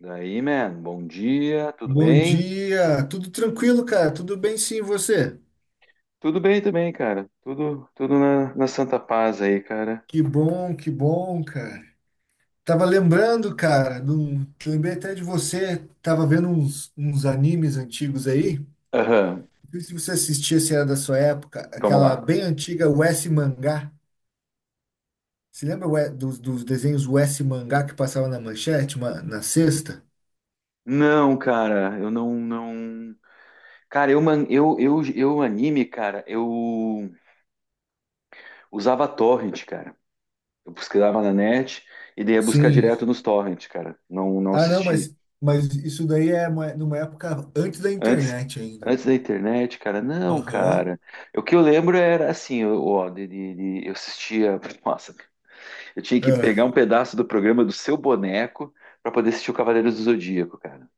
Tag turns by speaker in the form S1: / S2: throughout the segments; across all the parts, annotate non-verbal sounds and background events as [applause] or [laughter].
S1: Daí, man, bom dia, tudo
S2: Bom
S1: bem?
S2: dia, tudo tranquilo, cara? Tudo bem sim, e você?
S1: Tudo bem também, cara. Tudo na, na santa paz aí, cara.
S2: Que bom, cara. Tava lembrando, cara, lembrei até de você, tava vendo uns, animes antigos aí. Não
S1: Aham,
S2: sei se você assistia, se era da sua época,
S1: vamos
S2: aquela
S1: lá.
S2: bem antiga US Mangá. Você lembra dos, desenhos US Mangá que passava na manchete, na sexta?
S1: Não, cara, eu não, não. Cara, eu anime, cara, eu usava torrent, cara. Eu pesquisava na net e daí ia buscar
S2: Sim.
S1: direto nos torrent, cara. Não, não
S2: Ah, não,
S1: assisti.
S2: mas isso daí é numa época antes da
S1: Antes,
S2: internet ainda.
S1: antes da internet, cara, não,
S2: Aham.
S1: cara. O que eu lembro era assim, eu, ó, eu assistia. [laughs] Nossa, eu tinha que pegar
S2: É.
S1: um pedaço do programa do seu boneco para poder assistir o Cavaleiros do Zodíaco, cara.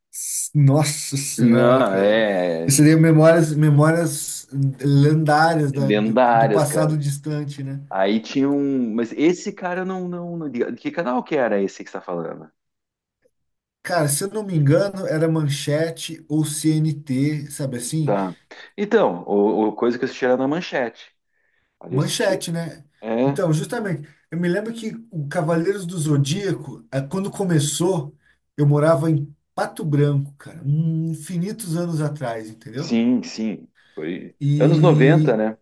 S2: Nossa senhora,
S1: Não,
S2: cara. Isso
S1: é.
S2: seria memórias lendárias do
S1: Lendárias,
S2: passado
S1: cara.
S2: distante, né?
S1: Aí tinha um. Mas esse cara eu não, não, não. Que canal que era esse que você tá falando?
S2: Cara, se eu não me engano, era Manchete ou CNT, sabe assim?
S1: Tá. Então, o coisa que eu assisti era na Manchete. Ali eu assisti.
S2: Manchete, né?
S1: É,
S2: Então, justamente, eu me lembro que o Cavaleiros do Zodíaco, quando começou, eu morava em Pato Branco, cara, infinitos anos atrás, entendeu?
S1: sim, sim. Foi. Anos 90,
S2: E
S1: né?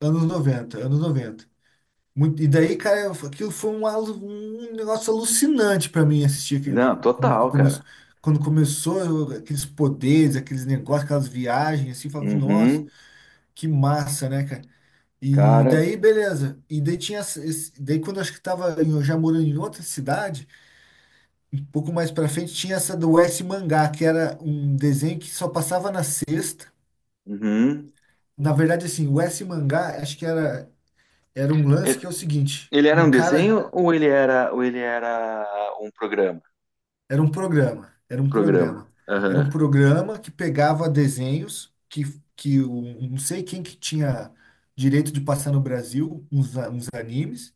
S2: anos 90, anos 90. E daí, cara, aquilo foi um negócio alucinante pra mim assistir
S1: Não,
S2: aquele,
S1: total, cara.
S2: quando começou aqueles poderes, aqueles negócios, aquelas viagens, assim, eu falava, nossa,
S1: Uhum,
S2: que massa, né, cara? E
S1: cara.
S2: daí, beleza. E daí tinha, daí quando eu acho que tava eu já morando em outra cidade, um pouco mais pra frente, tinha essa do S Mangá, que era um desenho que só passava na sexta.
S1: Uhum.
S2: Na verdade, assim, o S Mangá, acho que era, era um lance que
S1: Ele,
S2: é o seguinte,
S1: ele era um
S2: um cara.
S1: desenho ou ele era um programa?
S2: Era um programa, era um
S1: Programa.
S2: programa. Era um
S1: Aham.
S2: programa que pegava desenhos que não sei quem que tinha direito de passar no Brasil, uns animes,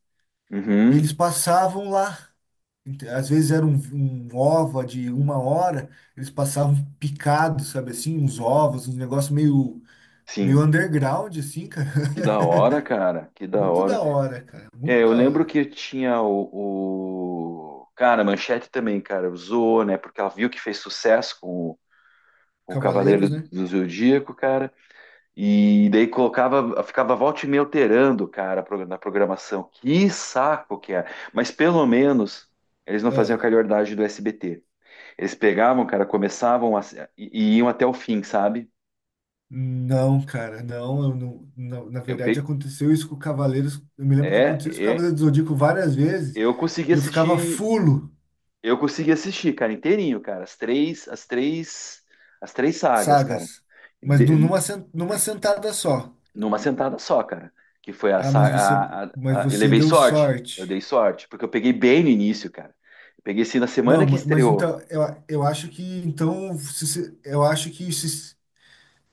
S2: e eles
S1: Uhum.
S2: passavam lá. Às vezes era um, ova de uma hora, eles passavam picados, sabe assim, uns ovos, uns negócios meio
S1: Sim.
S2: underground, assim, cara.
S1: Que
S2: [laughs]
S1: da hora, cara. Que da
S2: Muito
S1: hora.
S2: da hora, cara,
S1: É,
S2: muito
S1: eu
S2: da
S1: lembro
S2: hora.
S1: que tinha o. Cara, a Manchete também, cara, usou, né? Porque ela viu que fez sucesso com o Cavaleiro
S2: Cavaleiros, né?
S1: do Zodíaco, cara. E daí colocava, ficava volta e meia alterando, cara, na programação. Que saco que é. Mas pelo menos eles não faziam a calhordagem do SBT. Eles pegavam, cara, começavam a iam até o fim, sabe?
S2: Não, cara, não, eu não, não. Na
S1: Eu
S2: verdade,
S1: pe...
S2: aconteceu isso com o Cavaleiros. Eu me lembro que
S1: É,
S2: aconteceu isso com o
S1: é,
S2: Cavaleiros do Zodíaco várias vezes.
S1: Eu consegui
S2: E eu ficava
S1: assistir,
S2: fulo.
S1: eu consegui assistir, cara, inteirinho, cara, as três sagas, cara,
S2: Sagas, mas nu-
S1: de-
S2: numa, sen- numa sentada só.
S1: numa sentada só, cara, que foi a
S2: Ah, mas
S1: saga,
S2: você, mas
S1: eu
S2: você
S1: levei
S2: deu
S1: sorte, eu dei
S2: sorte.
S1: sorte, porque eu peguei bem no início, cara, eu peguei assim na semana
S2: Não,
S1: que
S2: mas,
S1: estreou,
S2: então eu, eu acho que então eu acho que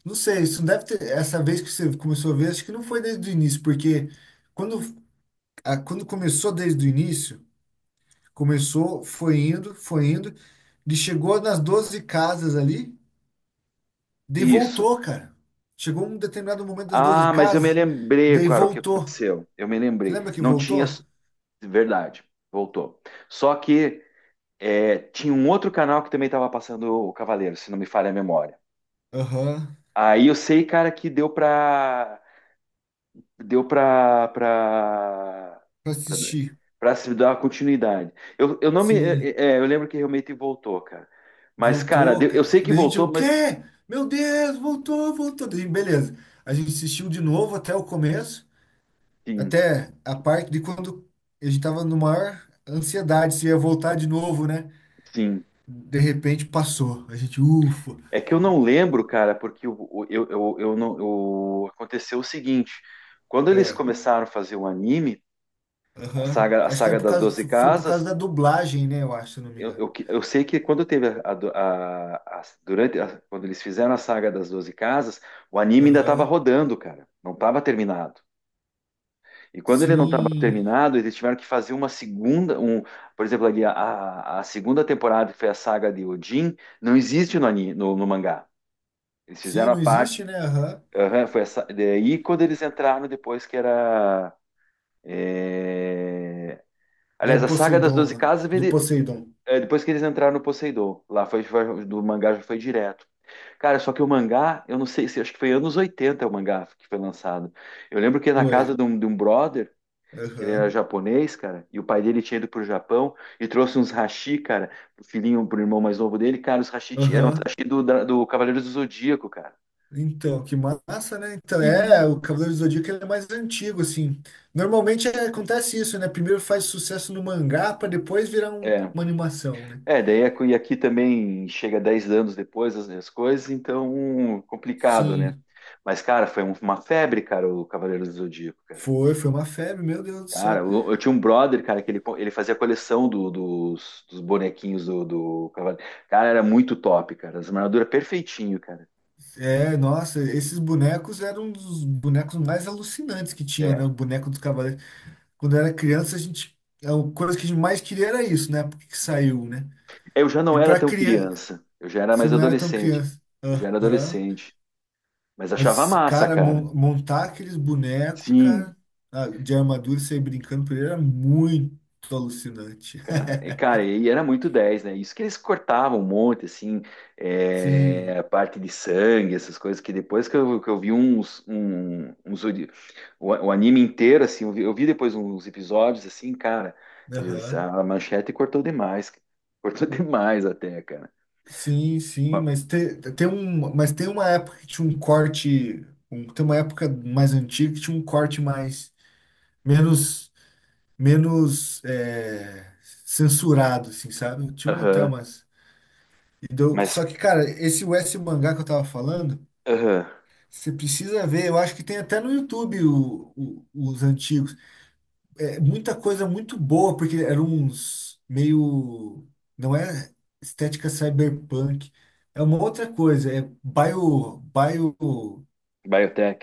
S2: não sei, isso não deve ter essa vez que você começou a ver, acho que não foi desde o início, porque quando quando começou desde o início. Começou, foi indo, foi indo. Ele chegou nas 12 casas ali, daí
S1: isso.
S2: voltou, cara. Chegou um determinado momento das 12
S1: Ah, mas eu me
S2: casas,
S1: lembrei,
S2: daí
S1: cara, o que
S2: voltou.
S1: aconteceu, eu me
S2: Você
S1: lembrei,
S2: lembra que
S1: não tinha,
S2: voltou?
S1: verdade, voltou, só que é, tinha um outro canal que também estava passando o Cavaleiro, se não me falha a memória.
S2: Aham,
S1: Aí eu sei, cara, que deu pra. Deu pra. pra.
S2: pra
S1: pra,
S2: assistir.
S1: pra se dar uma continuidade. Eu não me.
S2: Sim,
S1: É, é, Eu lembro que realmente voltou, cara. Mas, cara,
S2: voltou,
S1: eu
S2: cara.
S1: sei que
S2: Daí a gente, o
S1: voltou, mas.
S2: quê? Meu Deus, voltou, voltou. Daí, beleza. A gente assistiu de novo até o começo,
S1: Sim,
S2: até a parte de quando a gente tava no maior ansiedade se ia voltar de novo, né?
S1: sim.
S2: De repente passou. A gente, ufa.
S1: É que eu não lembro, cara, porque eu não. eu- aconteceu o seguinte: quando eles começaram a fazer o anime, a
S2: Aham.
S1: saga, a
S2: Acho que era
S1: saga
S2: por
S1: das
S2: causa,
S1: Doze
S2: foi por causa
S1: Casas.
S2: da dublagem, né? Eu acho, se eu não me engano.
S1: Eu sei que quando teve quando eles fizeram a saga das Doze Casas, o anime ainda estava
S2: Aham.
S1: rodando, cara, não estava terminado. E quando ele não estava
S2: Sim.
S1: terminado, eles tiveram que fazer uma segunda, um, por exemplo, ali a segunda temporada, que foi a saga de Odin, não existe no no mangá. Eles
S2: Sim,
S1: fizeram a
S2: não
S1: parte,
S2: existe, né? Aham.
S1: aham, foi essa, daí quando eles entraram depois que era,
S2: Lá
S1: aliás,
S2: em
S1: a saga das
S2: Poseidon,
S1: Doze
S2: lá.
S1: Casas veio
S2: Do
S1: de-,
S2: Poseidon.
S1: é, depois que eles entraram no Poseidon, lá foi, do mangá já foi direto. Cara, só que o mangá, eu não sei, se acho que foi anos 80 o mangá que foi lançado. Eu lembro que na
S2: Foi.
S1: casa de um brother, que ele era
S2: Aham.
S1: japonês, cara, e o pai dele tinha ido pro Japão e trouxe uns hashi, cara, pro filhinho, pro irmão mais novo dele, cara, os eram os
S2: Aham.
S1: hashi do Cavaleiros do Zodíaco, cara.
S2: Então, que massa, né? Então,
S1: E,
S2: é, o Cavaleiro do Zodíaco ele é mais antigo, assim. Normalmente é, acontece isso, né? Primeiro faz sucesso no mangá para depois virar
S1: é,
S2: uma animação, né?
S1: é, daí e aqui também chega 10 anos depois as, as coisas, então complicado, né?
S2: Sim.
S1: Mas, cara, foi uma febre, cara, o Cavaleiros do Zodíaco.
S2: Foi uma febre, meu Deus do
S1: Cara,
S2: céu.
S1: eu tinha um brother, cara, que ele fazia coleção dos bonequinhos do Cavaleiro. Cara, era muito top, cara. As armaduras perfeitinho, cara.
S2: É, nossa, esses bonecos eram um dos bonecos mais alucinantes que tinham,
S1: É.
S2: né? O boneco dos cavaleiros. Quando eu era criança, a gente. A coisa que a gente mais queria era isso, né? Porque que saiu, né?
S1: Eu já
S2: E
S1: não era
S2: pra
S1: tão
S2: criança.
S1: criança. Eu já era
S2: Você
S1: mais
S2: não era tão
S1: adolescente.
S2: criança.
S1: Eu já era
S2: Aham.
S1: adolescente. Mas achava
S2: Mas,
S1: massa,
S2: cara,
S1: cara.
S2: montar aqueles bonecos,
S1: Sim.
S2: cara, ah, de armadura e sair brincando por ele era muito alucinante. [laughs]
S1: Cara, e cara, e era muito dez, né? Isso que eles cortavam um monte, assim,
S2: Sim.
S1: é, a parte de sangue, essas coisas, que depois que eu vi uns, um, o anime inteiro, assim, eu vi depois uns episódios, assim, cara, eles,
S2: Aham.
S1: a Manchete cortou demais, cortou [laughs] demais até, cara.
S2: Sim, sim,
S1: Ma-
S2: mas tem, um, mas tem uma época que tinha um corte, tem uma época mais antiga que tinha um corte mais menos menos é, censurado, assim, sabe? Tinha uma, até
S1: Aham,
S2: umas. E deu,
S1: mas,
S2: só que cara, esse West Mangá que eu tava falando,
S1: aham,
S2: você precisa ver, eu acho que tem até no YouTube os antigos. É muita coisa muito boa, porque eram uns meio. Não é estética cyberpunk. É uma outra coisa. É bio. Bio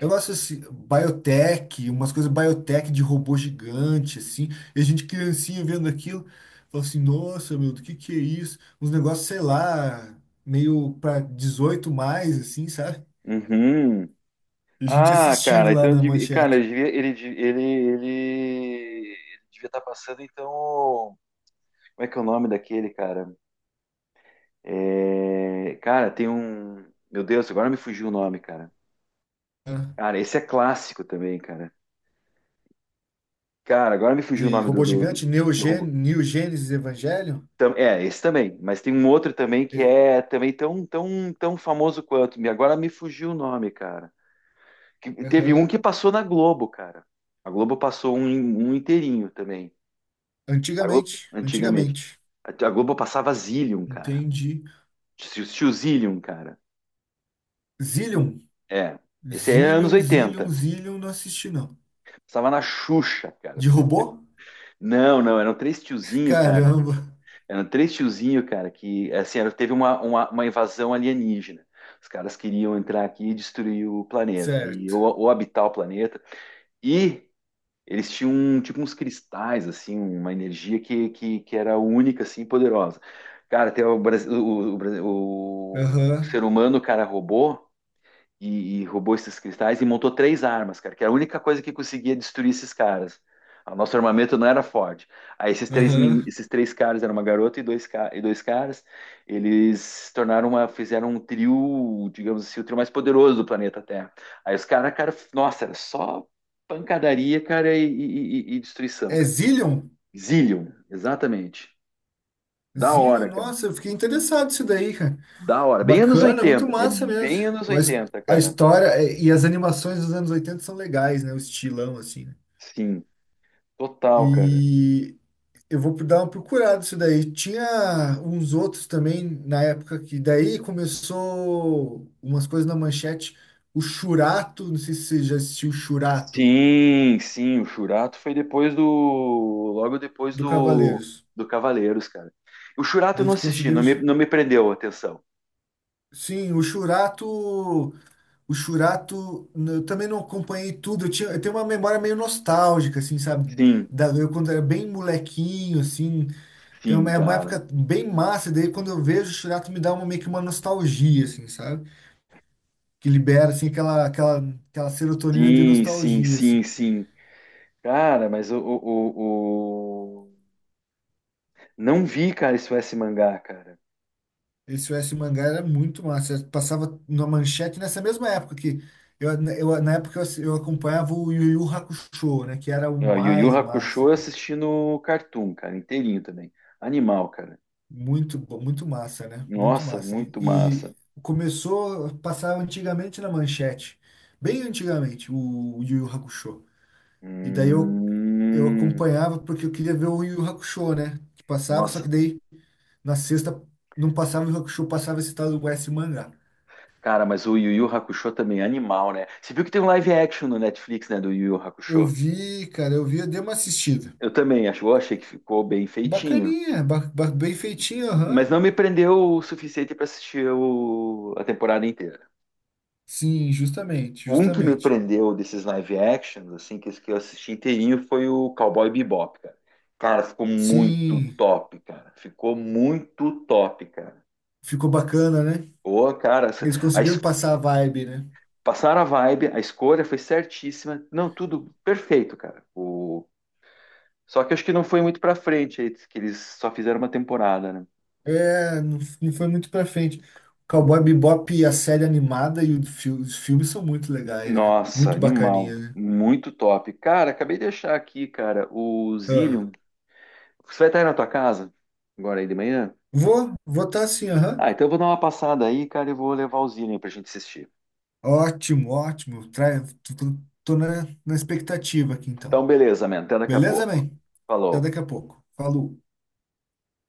S2: eu gosto assim, biotech, umas coisas biotech de robô gigante, assim. E a gente criancinha vendo aquilo, fala assim: nossa, meu, do que é isso? Uns negócios, sei lá, meio para 18 mais, assim, sabe?
S1: Uhum.
S2: E a gente
S1: Ah,
S2: assistindo
S1: cara,
S2: lá
S1: então,
S2: na
S1: cara, ele
S2: manchete.
S1: devia, ele ele devia estar passando, então. Como é que é o nome daquele, cara? É, cara, tem um. Meu Deus, agora me fugiu o nome, cara.
S2: Né?
S1: Cara, esse é clássico também, cara. Cara, agora me fugiu o
S2: De
S1: nome
S2: robô gigante, Neo
S1: do
S2: Gen-
S1: robô.
S2: neo Gênesis Evangelion.
S1: É, esse também. Mas tem um outro também que é também tão, tão, tão famoso quanto. Agora me fugiu o nome, cara. Teve um
S2: Aham.
S1: que passou na Globo, cara. A Globo passou um inteirinho também. A Globo,
S2: Antigamente,
S1: antigamente.
S2: antigamente.
S1: A Globo passava Zillion, cara.
S2: Entendi.
S1: Tio Zillion, cara.
S2: Zillion.
S1: É. Esse aí é anos
S2: Zillion, Zillion,
S1: oitenta.
S2: Zillion, não assisti, não.
S1: Passava na Xuxa, cara.
S2: De
S1: [laughs]
S2: robô?
S1: Não, não, eram três tiozinho, cara.
S2: Caramba.
S1: Eram três tiozinho, cara, que, assim, teve uma invasão alienígena. Os caras queriam entrar aqui e destruir o planeta, e,
S2: Certo.
S1: ou habitar o planeta. E eles tinham, tipo, uns cristais, assim, uma energia que era única, assim, e poderosa. Cara, tem o, Brasi- o
S2: Aham,
S1: ser humano, cara, robô, e roubou esses cristais e montou três armas, cara, que era a única coisa que conseguia destruir esses caras. O nosso armamento não era forte. Aí
S2: aham.
S1: esses três caras, era uma garota e dois caras, eles se tornaram uma, fizeram um trio, digamos assim, o trio mais poderoso do planeta Terra. Aí os caras, cara, nossa, era só pancadaria, cara, e destruição,
S2: É
S1: cara.
S2: Zillion?
S1: Zillion, exatamente. Da
S2: Zillion,
S1: hora, cara.
S2: nossa, eu fiquei interessado nisso daí, cara.
S1: Da hora. Bem anos
S2: Bacana, muito
S1: oitenta. É
S2: massa mesmo.
S1: bem anos
S2: A his-
S1: 80,
S2: a
S1: cara.
S2: história e as animações dos anos 80 são legais, né? O estilão, assim, né?
S1: Sim, total, cara.
S2: E eu vou dar uma procurada isso daí. Tinha uns outros também na época que daí começou umas coisas na manchete. O Churato, não sei se você já assistiu o Churato
S1: Sim, sim, o Churato foi depois do, logo depois
S2: do
S1: do,
S2: Cavaleiros.
S1: do Cavaleiros, cara. O Churato eu não
S2: Eles
S1: assisti,
S2: conseguiram.
S1: não me, não me prendeu a atenção.
S2: Sim, o Churato. O Churato. Eu também não acompanhei tudo. Eu tinha, eu tenho uma memória meio nostálgica, assim, sabe?
S1: Sim,
S2: Da, eu quando era bem molequinho, assim. Tem
S1: sim,
S2: uma,
S1: cara.
S2: época bem massa. Daí quando eu vejo o Churato me dá uma, meio que uma nostalgia, assim, sabe? Que libera assim aquela serotonina de
S1: Sim, sim,
S2: nostalgia
S1: sim,
S2: assim.
S1: sim. Cara, mas não vi, cara, isso, esse mangá, cara.
S2: Esse US Mangá era muito massa, passava na manchete nessa mesma época que eu, eu acompanhava o Yu Yu Hakusho, né, que era o
S1: Ó, Yu Yu
S2: mais
S1: Hakusho
S2: massa,
S1: eu
S2: cara.
S1: assisti no Cartoon, cara, inteirinho também. Animal, cara.
S2: Muito massa, né? Muito
S1: Nossa,
S2: massa. E,
S1: muito massa.
S2: e começou a passar antigamente na manchete, bem antigamente o Yu Yu Hakusho. E daí eu
S1: Hum,
S2: acompanhava porque eu queria ver o Yu Yu Hakusho, né? Que passava, só que
S1: Nossa,
S2: daí na sexta não passava o Hakusho, passava esse tal do S mangá.
S1: cara, mas o Yu Yu Hakusho também é animal, né? Você viu que tem um live action no Netflix, né, do Yu Yu
S2: Eu
S1: Hakusho?
S2: vi, cara, eu vi, eu dei uma assistida.
S1: Eu também acho, eu achei que ficou bem
S2: É
S1: feitinho,
S2: bacaninha, bem feitinho,
S1: mas
S2: aham.
S1: não me prendeu o suficiente para assistir a temporada inteira.
S2: Sim, justamente,
S1: Um que me
S2: justamente.
S1: prendeu desses live actions, assim, que eu assisti inteirinho, foi o Cowboy Bebop, cara. Cara, ficou muito
S2: Sim,
S1: top, cara. Ficou muito top, cara.
S2: ficou bacana, né?
S1: Pô, cara,
S2: Eles conseguiram passar a vibe, né?
S1: passaram a vibe, a escolha foi certíssima. Não, tudo perfeito, cara. O Só que acho que não foi muito pra frente, aí, que eles só fizeram uma temporada, né?
S2: É, não, não foi muito pra frente. Cowboy Bebop, e a série animada e os filmes são muito legais, né?
S1: Nossa,
S2: Muito
S1: animal.
S2: bacaninha, né?
S1: Muito top. Cara, acabei de achar aqui, cara, o
S2: Ah,
S1: Zillion. Você vai estar aí na tua casa? Agora aí de manhã?
S2: vou estar assim, aham.
S1: Ah, então eu vou dar uma passada aí, cara, e vou levar o Zillion pra gente assistir.
S2: Ótimo, ótimo. Tô na expectativa aqui então.
S1: Então, beleza, man. Até daqui a
S2: Beleza,
S1: pouco.
S2: man? Até
S1: Falou.
S2: daqui a pouco. Falou.